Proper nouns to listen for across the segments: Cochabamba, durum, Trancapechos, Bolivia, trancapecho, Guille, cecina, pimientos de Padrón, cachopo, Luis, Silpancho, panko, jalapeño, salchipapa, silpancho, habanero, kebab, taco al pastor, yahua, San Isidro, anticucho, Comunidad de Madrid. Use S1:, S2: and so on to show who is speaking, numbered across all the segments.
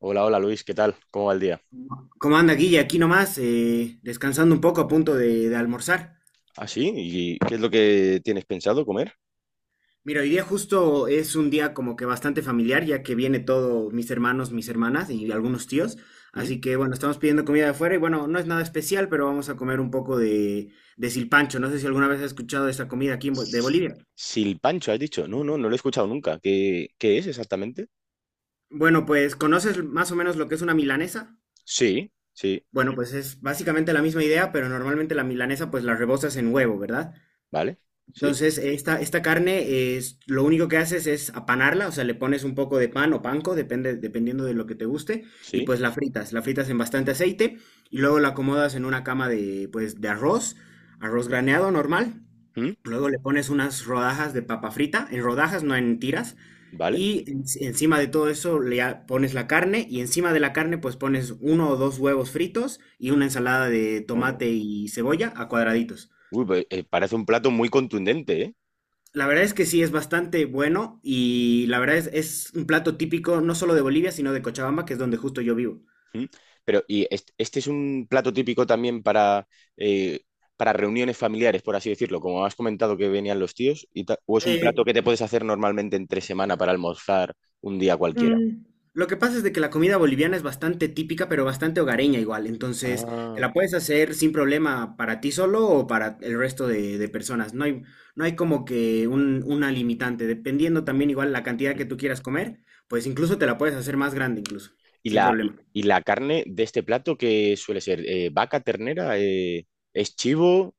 S1: Hola, hola Luis, ¿qué tal? ¿Cómo va el día?
S2: ¿Cómo anda, Guille? Aquí nomás, descansando un poco a punto de almorzar.
S1: ¿Ah, sí? ¿Y qué es lo que tienes pensado comer?
S2: Mira, hoy día justo es un día como que bastante familiar, ya que viene todo mis hermanos, mis hermanas y algunos tíos.
S1: ¿Mm?
S2: Así que bueno, estamos pidiendo comida de afuera y bueno, no es nada especial, pero vamos a comer un poco de silpancho. No sé si alguna vez has escuchado de esta comida aquí en de Bolivia.
S1: Silpancho, has dicho. No, no, no lo he escuchado nunca. ¿Qué es exactamente?
S2: Bueno, pues ¿conoces más o menos lo que es una milanesa?
S1: Sí, sí,
S2: Bueno, pues es básicamente la misma idea, pero normalmente la milanesa pues la rebozas en huevo, ¿verdad?
S1: vale, sí,
S2: Entonces, esta carne es, lo único que haces es apanarla, o sea, le pones un poco de pan o panko, dependiendo de lo que te guste, y
S1: sí.
S2: pues la fritas en bastante aceite, y luego la acomodas en una cama de, pues, de arroz, arroz graneado normal,
S1: ¿Mm?
S2: luego le pones unas rodajas de papa frita, en rodajas, no en tiras,
S1: Vale.
S2: y encima de todo eso le pones la carne, y encima de la carne pues pones uno o dos huevos fritos y una ensalada de
S1: Oh, no.
S2: tomate y cebolla a cuadraditos.
S1: Uy, pues, parece un plato muy contundente, ¿eh?
S2: La verdad es que sí, es bastante bueno y la verdad es un plato típico no solo de Bolivia, sino de Cochabamba, que es donde justo yo vivo.
S1: ¿Mm? Pero, ¿y este es un plato típico también eh, para reuniones familiares, por así decirlo? Como has comentado que venían los tíos, ¿o es un
S2: Eh,
S1: plato que te puedes hacer normalmente entre semana para almorzar un día cualquiera?
S2: mm, lo que pasa es de que la comida boliviana es bastante típica, pero bastante hogareña igual. Entonces, te
S1: Ah,
S2: la puedes hacer sin problema para ti solo o para el resto de personas. No hay como que una limitante. Dependiendo también igual la cantidad
S1: mm.
S2: que tú quieras comer, pues incluso te la puedes hacer más grande incluso,
S1: ¿Y
S2: sin
S1: la, y,
S2: problema.
S1: y la carne de este plato que suele ser? ¿Vaca, ternera? ¿Es chivo?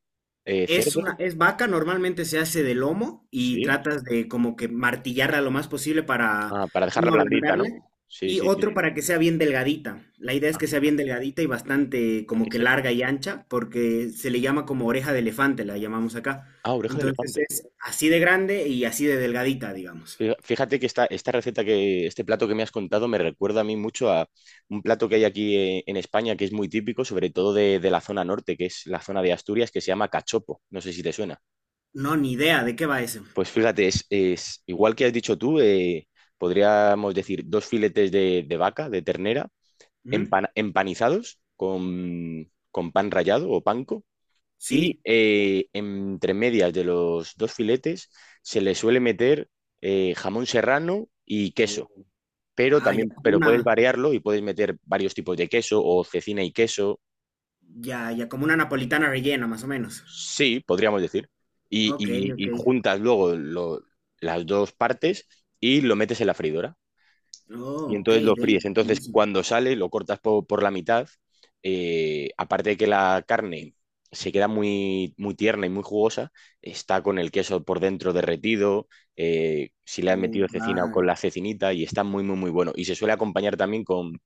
S2: Es
S1: ¿Cerdo?
S2: una, es vaca, normalmente se hace de lomo y
S1: Sí.
S2: tratas de como que martillarla lo más posible para
S1: Ah, para dejarla
S2: uno
S1: blandita,
S2: ablandarla
S1: ¿no? Sí,
S2: y
S1: sí, sí.
S2: otro para que sea bien delgadita. La idea es
S1: Ah,
S2: que sea bien delgadita y bastante
S1: ah,
S2: como que larga y ancha porque se le llama como oreja de elefante, la llamamos acá.
S1: ah, oreja de
S2: Entonces
S1: elefante.
S2: es así de grande y así de delgadita, digamos.
S1: Fíjate que esta receta que, este plato que me has contado me recuerda a mí mucho a un plato que hay aquí, en España, que es muy típico, sobre todo de la zona norte, que es la zona de Asturias, que se llama cachopo. No sé si te suena.
S2: No, ni idea de qué va eso.
S1: Pues fíjate, es igual que has dicho tú. Podríamos decir dos filetes de vaca, de ternera,
S2: Ujú.
S1: empanizados con pan rallado o panko. Y
S2: ¿Sí?
S1: entre medias de los dos filetes se le suele meter, jamón serrano y queso.
S2: Oh.
S1: Pero
S2: Ah, ya
S1: también,
S2: como
S1: pero puedes
S2: una,
S1: variarlo y puedes meter varios tipos de queso o cecina y queso.
S2: ya, ya como una napolitana rellena, más o menos.
S1: Sí, podríamos decir. Y,
S2: Ok,
S1: y-
S2: ok.
S1: y juntas luego las dos partes y lo metes en la freidora. Y
S2: Oh, ok,
S1: entonces lo fríes.
S2: Delhi,
S1: Entonces,
S2: buenísimo.
S1: cuando sale, lo cortas por la mitad. Aparte de que la carne se queda muy, muy tierna y muy jugosa, está con el queso por dentro derretido, si le han
S2: Oh,
S1: metido cecina, o con
S2: claro.
S1: la cecinita, y está muy, muy, muy bueno. Y se suele acompañar también con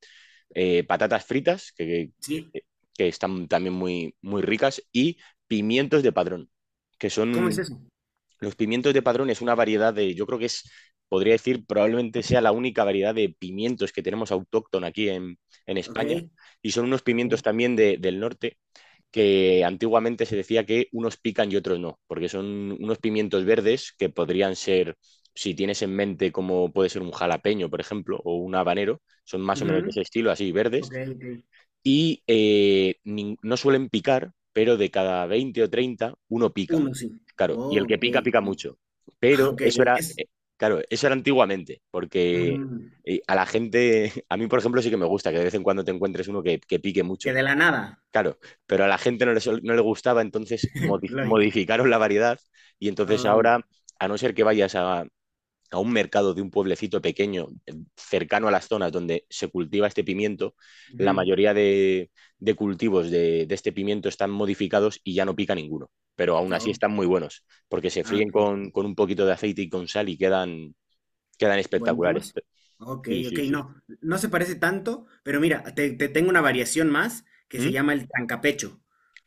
S1: patatas fritas, que,
S2: Sí,
S1: que están también muy, muy ricas, y pimientos de padrón, que
S2: ¿cómo es
S1: son...
S2: eso?
S1: Los pimientos de Padrón es una variedad de, yo creo que es, podría decir, probablemente sea la única variedad de pimientos que tenemos autóctona aquí en España.
S2: Ok,
S1: Y son unos pimientos
S2: ok,
S1: también del norte, que antiguamente se decía que unos pican y otros no, porque son unos pimientos verdes que podrían ser, si tienes en mente como puede ser un jalapeño, por ejemplo, o un habanero, son más o menos de
S2: ujú.
S1: ese estilo, así verdes,
S2: Ok, ok.
S1: y no suelen picar, pero de cada 20 o 30 uno pica.
S2: Uno, sí.
S1: Claro, y el
S2: Oh,
S1: que
S2: ok,
S1: pica, pica
S2: sí.
S1: mucho. Pero
S2: Ok,
S1: eso era,
S2: es,
S1: claro, eso era antiguamente, porque
S2: ujú,
S1: a la gente, a mí por ejemplo sí que me gusta que de vez en cuando te encuentres uno que pique
S2: que
S1: mucho,
S2: de la nada.
S1: claro, pero a la gente no le, no le gustaba, entonces
S2: Lógico.
S1: modificaron la variedad y entonces
S2: Oh,
S1: ahora, a no ser que vayas a un mercado de un pueblecito pequeño, cercano a las zonas donde se cultiva este pimiento, la
S2: ujú,
S1: mayoría de, cultivos de este pimiento están modificados y ya no pica ninguno, pero aún así
S2: no.
S1: están muy buenos, porque se
S2: Ah,
S1: fríen
S2: ok.
S1: con un poquito de aceite y con sal y quedan, quedan espectaculares.
S2: Buenísimos. Ok,
S1: Sí,
S2: ok,
S1: sí, sí.
S2: no. No se parece tanto, pero mira, te tengo una variación más que se
S1: ¿Mm?
S2: llama el trancapecho.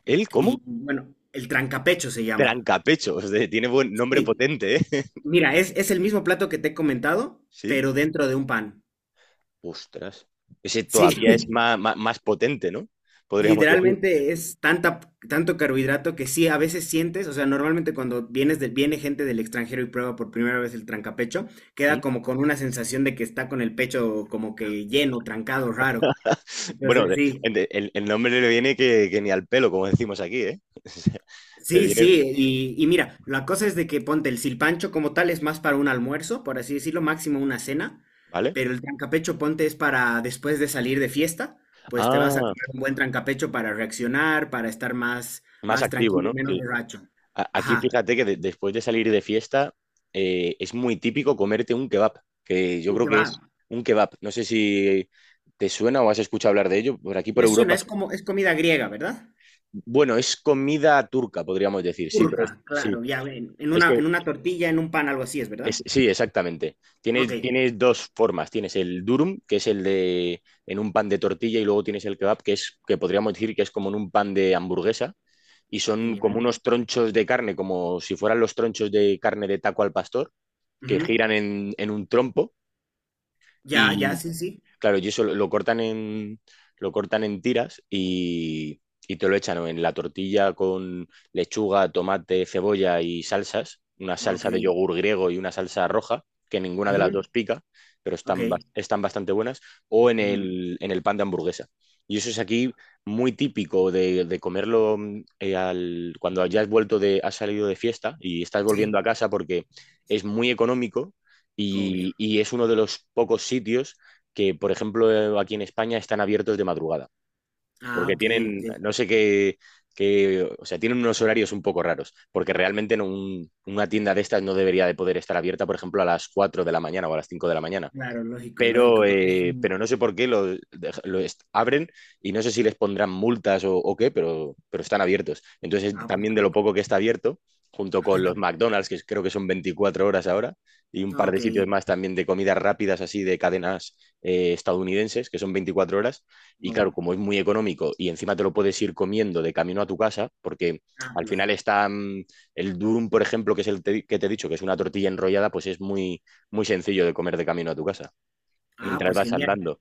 S1: ¿El cómo?
S2: Y bueno, el trancapecho se llama.
S1: Trancapechos, de, tiene buen nombre
S2: Sí,
S1: potente, ¿eh?
S2: mira, es el mismo plato que te he comentado,
S1: Sí,
S2: pero dentro de un pan.
S1: ostras. Ese
S2: Sí,
S1: todavía es más, más, más potente, ¿no? Podríamos decir.
S2: literalmente es tanta, tanto carbohidrato que sí, a veces sientes, o sea, normalmente cuando vienes del viene gente del extranjero y prueba por primera vez el trancapecho,
S1: ¿Mm?
S2: queda como con una sensación de que está con el pecho como que lleno, trancado, raro.
S1: Bueno,
S2: Entonces
S1: de-
S2: sí,
S1: de- el, el nombre le viene que ni al pelo, como decimos aquí, ¿eh? O sea. Le
S2: sí,
S1: viene,
S2: sí, y mira, la cosa es de que ponte el silpancho como tal es más para un almuerzo, por así decirlo, máximo una cena,
S1: ¿vale?
S2: pero el trancapecho ponte es para después de salir de fiesta, pues te vas a
S1: Ah,
S2: comer un buen trancapecho para reaccionar, para estar más,
S1: más
S2: más
S1: activo,
S2: tranquilo
S1: ¿no?
S2: y menos
S1: Sí.
S2: borracho.
S1: Aquí
S2: Ajá,
S1: fíjate que después de salir de fiesta, es muy típico comerte un kebab, que yo
S2: ¿y
S1: creo
S2: qué
S1: que
S2: va?
S1: es un kebab. No sé si te suena o has escuchado hablar de ello. Por aquí, por
S2: Me suena,
S1: Europa.
S2: es
S1: Sí.
S2: como, es comida griega, ¿verdad?
S1: Bueno, es comida turca, podríamos decir, sí, pero
S2: Turca,
S1: sí.
S2: claro, ya ven,
S1: Es que
S2: en una tortilla, en un pan, algo así es, ¿verdad?
S1: Sí, exactamente.
S2: Ok,
S1: Tienes, tienes dos formas. Tienes el durum, que es el de en un pan de tortilla, y luego tienes el kebab, que es que podríamos decir que es como en un pan de hamburguesa, y son como
S2: genial.
S1: unos tronchos de carne, como si fueran los tronchos de carne de taco al pastor, que
S2: Ujú.
S1: giran en un trompo.
S2: Ya, ya, sí, sí.
S1: Claro, y eso lo cortan en, lo cortan en tiras y te lo echan o en la tortilla con lechuga, tomate, cebolla y salsas, una
S2: Ok,
S1: salsa de yogur griego y una salsa roja, que ninguna de las
S2: ujú.
S1: dos pica, pero
S2: Ok,
S1: están, están bastante buenas, o
S2: ujú.
S1: en el pan de hamburguesa. Y eso es aquí muy típico de comerlo, cuando ya has vuelto de, has salido de fiesta y estás volviendo
S2: Sí,
S1: a casa, porque es muy económico
S2: obvio.
S1: y es uno de los pocos sitios que, por ejemplo, aquí en España están abiertos de madrugada,
S2: Ah,
S1: porque
S2: ok,
S1: tienen,
S2: ok.
S1: no sé qué, o sea, tienen unos horarios un poco raros, porque realmente en una tienda de estas no debería de poder estar abierta, por ejemplo, a las 4 de la mañana o a las 5 de la mañana,
S2: Claro, lógico, lógico, porque es un...
S1: pero no sé por qué lo, abren y no sé si les pondrán multas o qué, pero están abiertos. Entonces,
S2: Ah, pues
S1: también
S2: qué
S1: de lo
S2: loco.
S1: poco que está abierto, junto con los McDonald's, que creo que son 24 horas ahora, y un par
S2: Ok.
S1: de sitios más también de comidas rápidas así de cadenas, estadounidenses, que son 24 horas, y claro,
S2: Oh,
S1: como es muy económico y encima te lo puedes ir comiendo de camino a tu casa, porque
S2: ah,
S1: al final
S2: lógico.
S1: está, el durum, por ejemplo, que es el que te he dicho, que es una tortilla enrollada, pues es muy, muy sencillo de comer de camino a tu casa
S2: Ah,
S1: mientras
S2: pues
S1: vas
S2: genial.
S1: andando.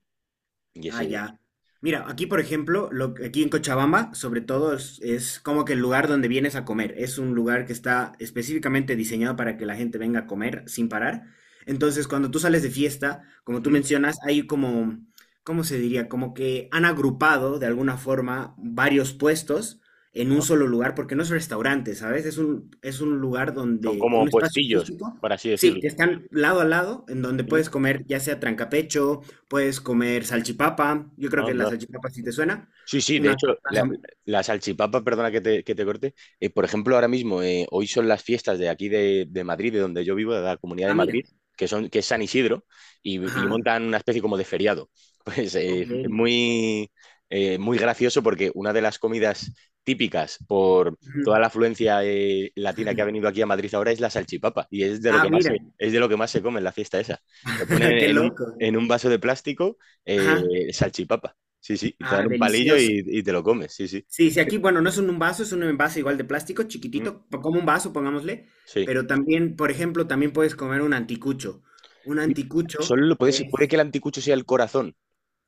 S1: Y
S2: Ah,
S1: ese...
S2: ya. Mira, aquí por ejemplo, aquí en Cochabamba, sobre todo, es como que el lugar donde vienes a comer. Es un lugar que está específicamente diseñado para que la gente venga a comer sin parar. Entonces, cuando tú sales de fiesta, como tú
S1: ¿Mm?
S2: mencionas, hay como, ¿cómo se diría? Como que han agrupado de alguna forma varios puestos en un
S1: Ah,
S2: solo lugar, porque no es restaurante, ¿sabes? Es un lugar
S1: son
S2: donde, un
S1: como
S2: espacio
S1: puestillos,
S2: físico,
S1: por así
S2: sí, que
S1: decirlo.
S2: están lado a lado, en donde
S1: ¿Mm?
S2: puedes comer ya sea trancapecho. Puedes comer salchipapa. Yo creo que la
S1: Anda.
S2: salchipapa sí te suena.
S1: Sí, sí, de
S2: Una,
S1: hecho,
S2: unas
S1: la,
S2: ham-
S1: la salchipapa, perdona que te corte. Por ejemplo, ahora mismo, hoy son las fiestas de aquí de Madrid, de donde yo vivo, de la Comunidad de
S2: ah,
S1: Madrid,
S2: mira.
S1: que son, que es San Isidro, y
S2: Ajá.
S1: montan una especie como de feriado. Pues
S2: Ok.
S1: es muy, muy gracioso porque una de las comidas típicas por toda
S2: Ujú.
S1: la afluencia, latina que ha venido aquí a Madrid ahora es la salchipapa, y es de lo
S2: Ah,
S1: que más se,
S2: mira.
S1: es de lo que más se come en la fiesta esa. Te ponen
S2: Qué loco.
S1: en un vaso de plástico, eh,
S2: Ajá.
S1: salchipapa. Sí, sí, y te
S2: Ah,
S1: dan un palillo
S2: delicioso.
S1: y te lo comes, sí, sí.
S2: Sí, sí, aquí, bueno, no un vaso, es un envase igual de plástico,
S1: Mm,
S2: chiquitito, como un vaso, pongámosle,
S1: sí.
S2: pero también, por ejemplo, también puedes comer un anticucho. Un
S1: Y...
S2: anticucho
S1: Solo lo puedes, puede
S2: es
S1: que el anticucho sea el corazón.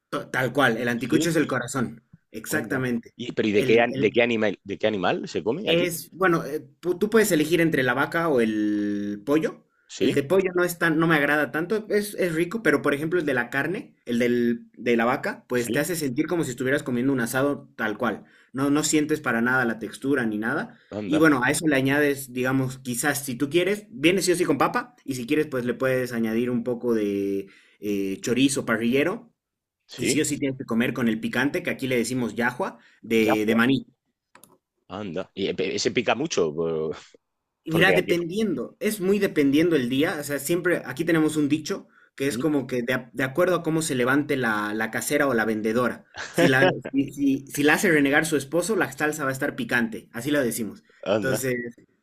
S2: tal cual, el
S1: Sí,
S2: anticucho es el corazón,
S1: onda.
S2: exactamente.
S1: Y pero, ¿y de qué,
S2: el el-
S1: de qué animal se come allí?
S2: Es, bueno, tú puedes elegir entre la vaca o el pollo. El
S1: Sí,
S2: de pollo no es tan, no me agrada tanto, es rico, pero por ejemplo el de la carne, de la vaca, pues te
S1: sí,
S2: hace sentir como si estuvieras comiendo un asado tal cual. No, no sientes para nada la textura ni nada. Y
S1: anda,
S2: bueno, a eso le añades, digamos, quizás si tú quieres, viene sí o sí con papa, y si quieres, pues le puedes añadir un poco de chorizo parrillero, y
S1: sí,
S2: sí o sí tienes que comer con el picante, que aquí le decimos yahua, de
S1: yagua,
S2: maní.
S1: anda. Y ese pica mucho,
S2: Mira,
S1: porque aquí...
S2: dependiendo, es muy dependiendo el día, o sea, siempre aquí tenemos un dicho que es
S1: Mm.
S2: como que de, de acuerdo a cómo se levante la casera o la vendedora. Si la, si la hace renegar su esposo, la salsa va a estar picante, así lo decimos.
S1: Anda.
S2: Entonces,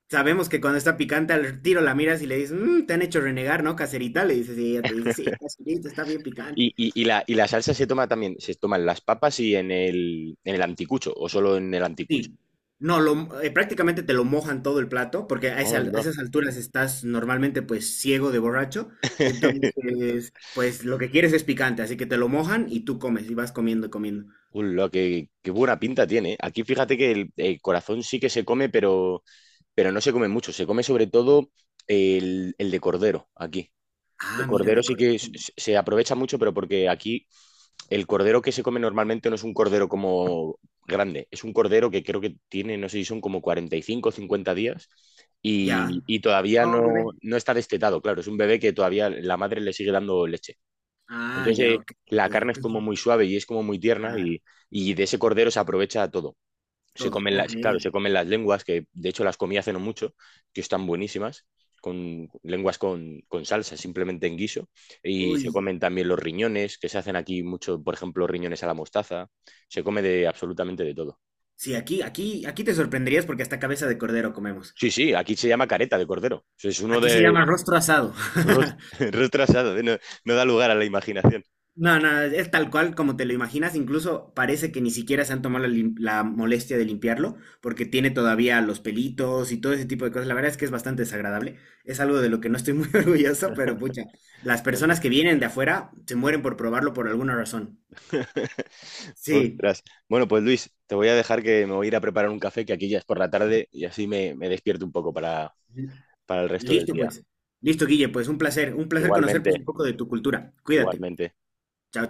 S2: sabemos que cuando está picante al tiro la miras y le dices, "Mm, te han hecho renegar, ¿no, caserita?" Le dices, y ella te dice, sí, caserita, está bien
S1: Y,
S2: picante.
S1: y- y la, y la salsa se toma también, se toman las papas y en el anticucho, o solo en el anticucho.
S2: Sí. No, lo, prácticamente te lo mojan todo el plato, porque a, a
S1: Anda.
S2: esas alturas estás normalmente pues ciego de borracho. Entonces, pues lo que quieres es picante, así que te lo mojan y tú comes y vas comiendo y comiendo.
S1: Lo que, qué buena pinta tiene. Aquí fíjate que el corazón sí que se come, pero no se come mucho. Se come sobre todo el de cordero aquí. El
S2: Ah, mira,
S1: cordero
S2: de
S1: sí que
S2: cordero.
S1: se aprovecha mucho, pero porque aquí el cordero que se come normalmente no es un cordero como grande. Es un cordero que creo que tiene, no sé si son como 45 o 50 días,
S2: Ya.
S1: y todavía
S2: Ah, oh,
S1: no,
S2: bebé.
S1: no está destetado. Claro, es un bebé que todavía la madre le sigue dando leche.
S2: Ah,
S1: Entonces,
S2: ya, ok.
S1: la
S2: Ok,
S1: carne es
S2: entonces,
S1: como muy suave y es como muy tierna,
S2: claro,
S1: y de ese cordero se aprovecha todo. Se
S2: todo.
S1: comen
S2: Ok.
S1: las, claro, se comen las lenguas, que de hecho las comí hace no mucho, que están buenísimas, con lenguas con salsa, simplemente en guiso. Y se
S2: Uy.
S1: comen también los riñones, que se hacen aquí mucho, por ejemplo, riñones a la mostaza. Se come de absolutamente de todo.
S2: Sí, aquí, aquí, aquí te sorprenderías porque hasta cabeza de cordero comemos.
S1: Sí, sí, aquí se llama careta de cordero. Eso es uno
S2: Aquí se
S1: de...
S2: llama rostro asado.
S1: Rostro, rostro asado, ¿eh? No, no da lugar a la imaginación.
S2: No, no, es tal cual como te lo imaginas, incluso parece que ni siquiera se han tomado la molestia de limpiarlo, porque tiene todavía los pelitos y todo ese tipo de cosas. La verdad es que es bastante desagradable, es algo de lo que no estoy muy orgulloso, pero pucha, las
S1: Anda.
S2: personas que vienen de afuera se mueren por probarlo por alguna razón. Sí.
S1: Ostras. Bueno, pues Luis, te voy a dejar, que me voy a ir a preparar un café, que aquí ya es por la tarde y así me, me despierto un poco
S2: Ujú.
S1: para el resto del
S2: Listo
S1: día.
S2: pues, listo Guille, pues un placer conocer pues
S1: Igualmente,
S2: un poco de tu cultura. Cuídate,
S1: igualmente.
S2: chao.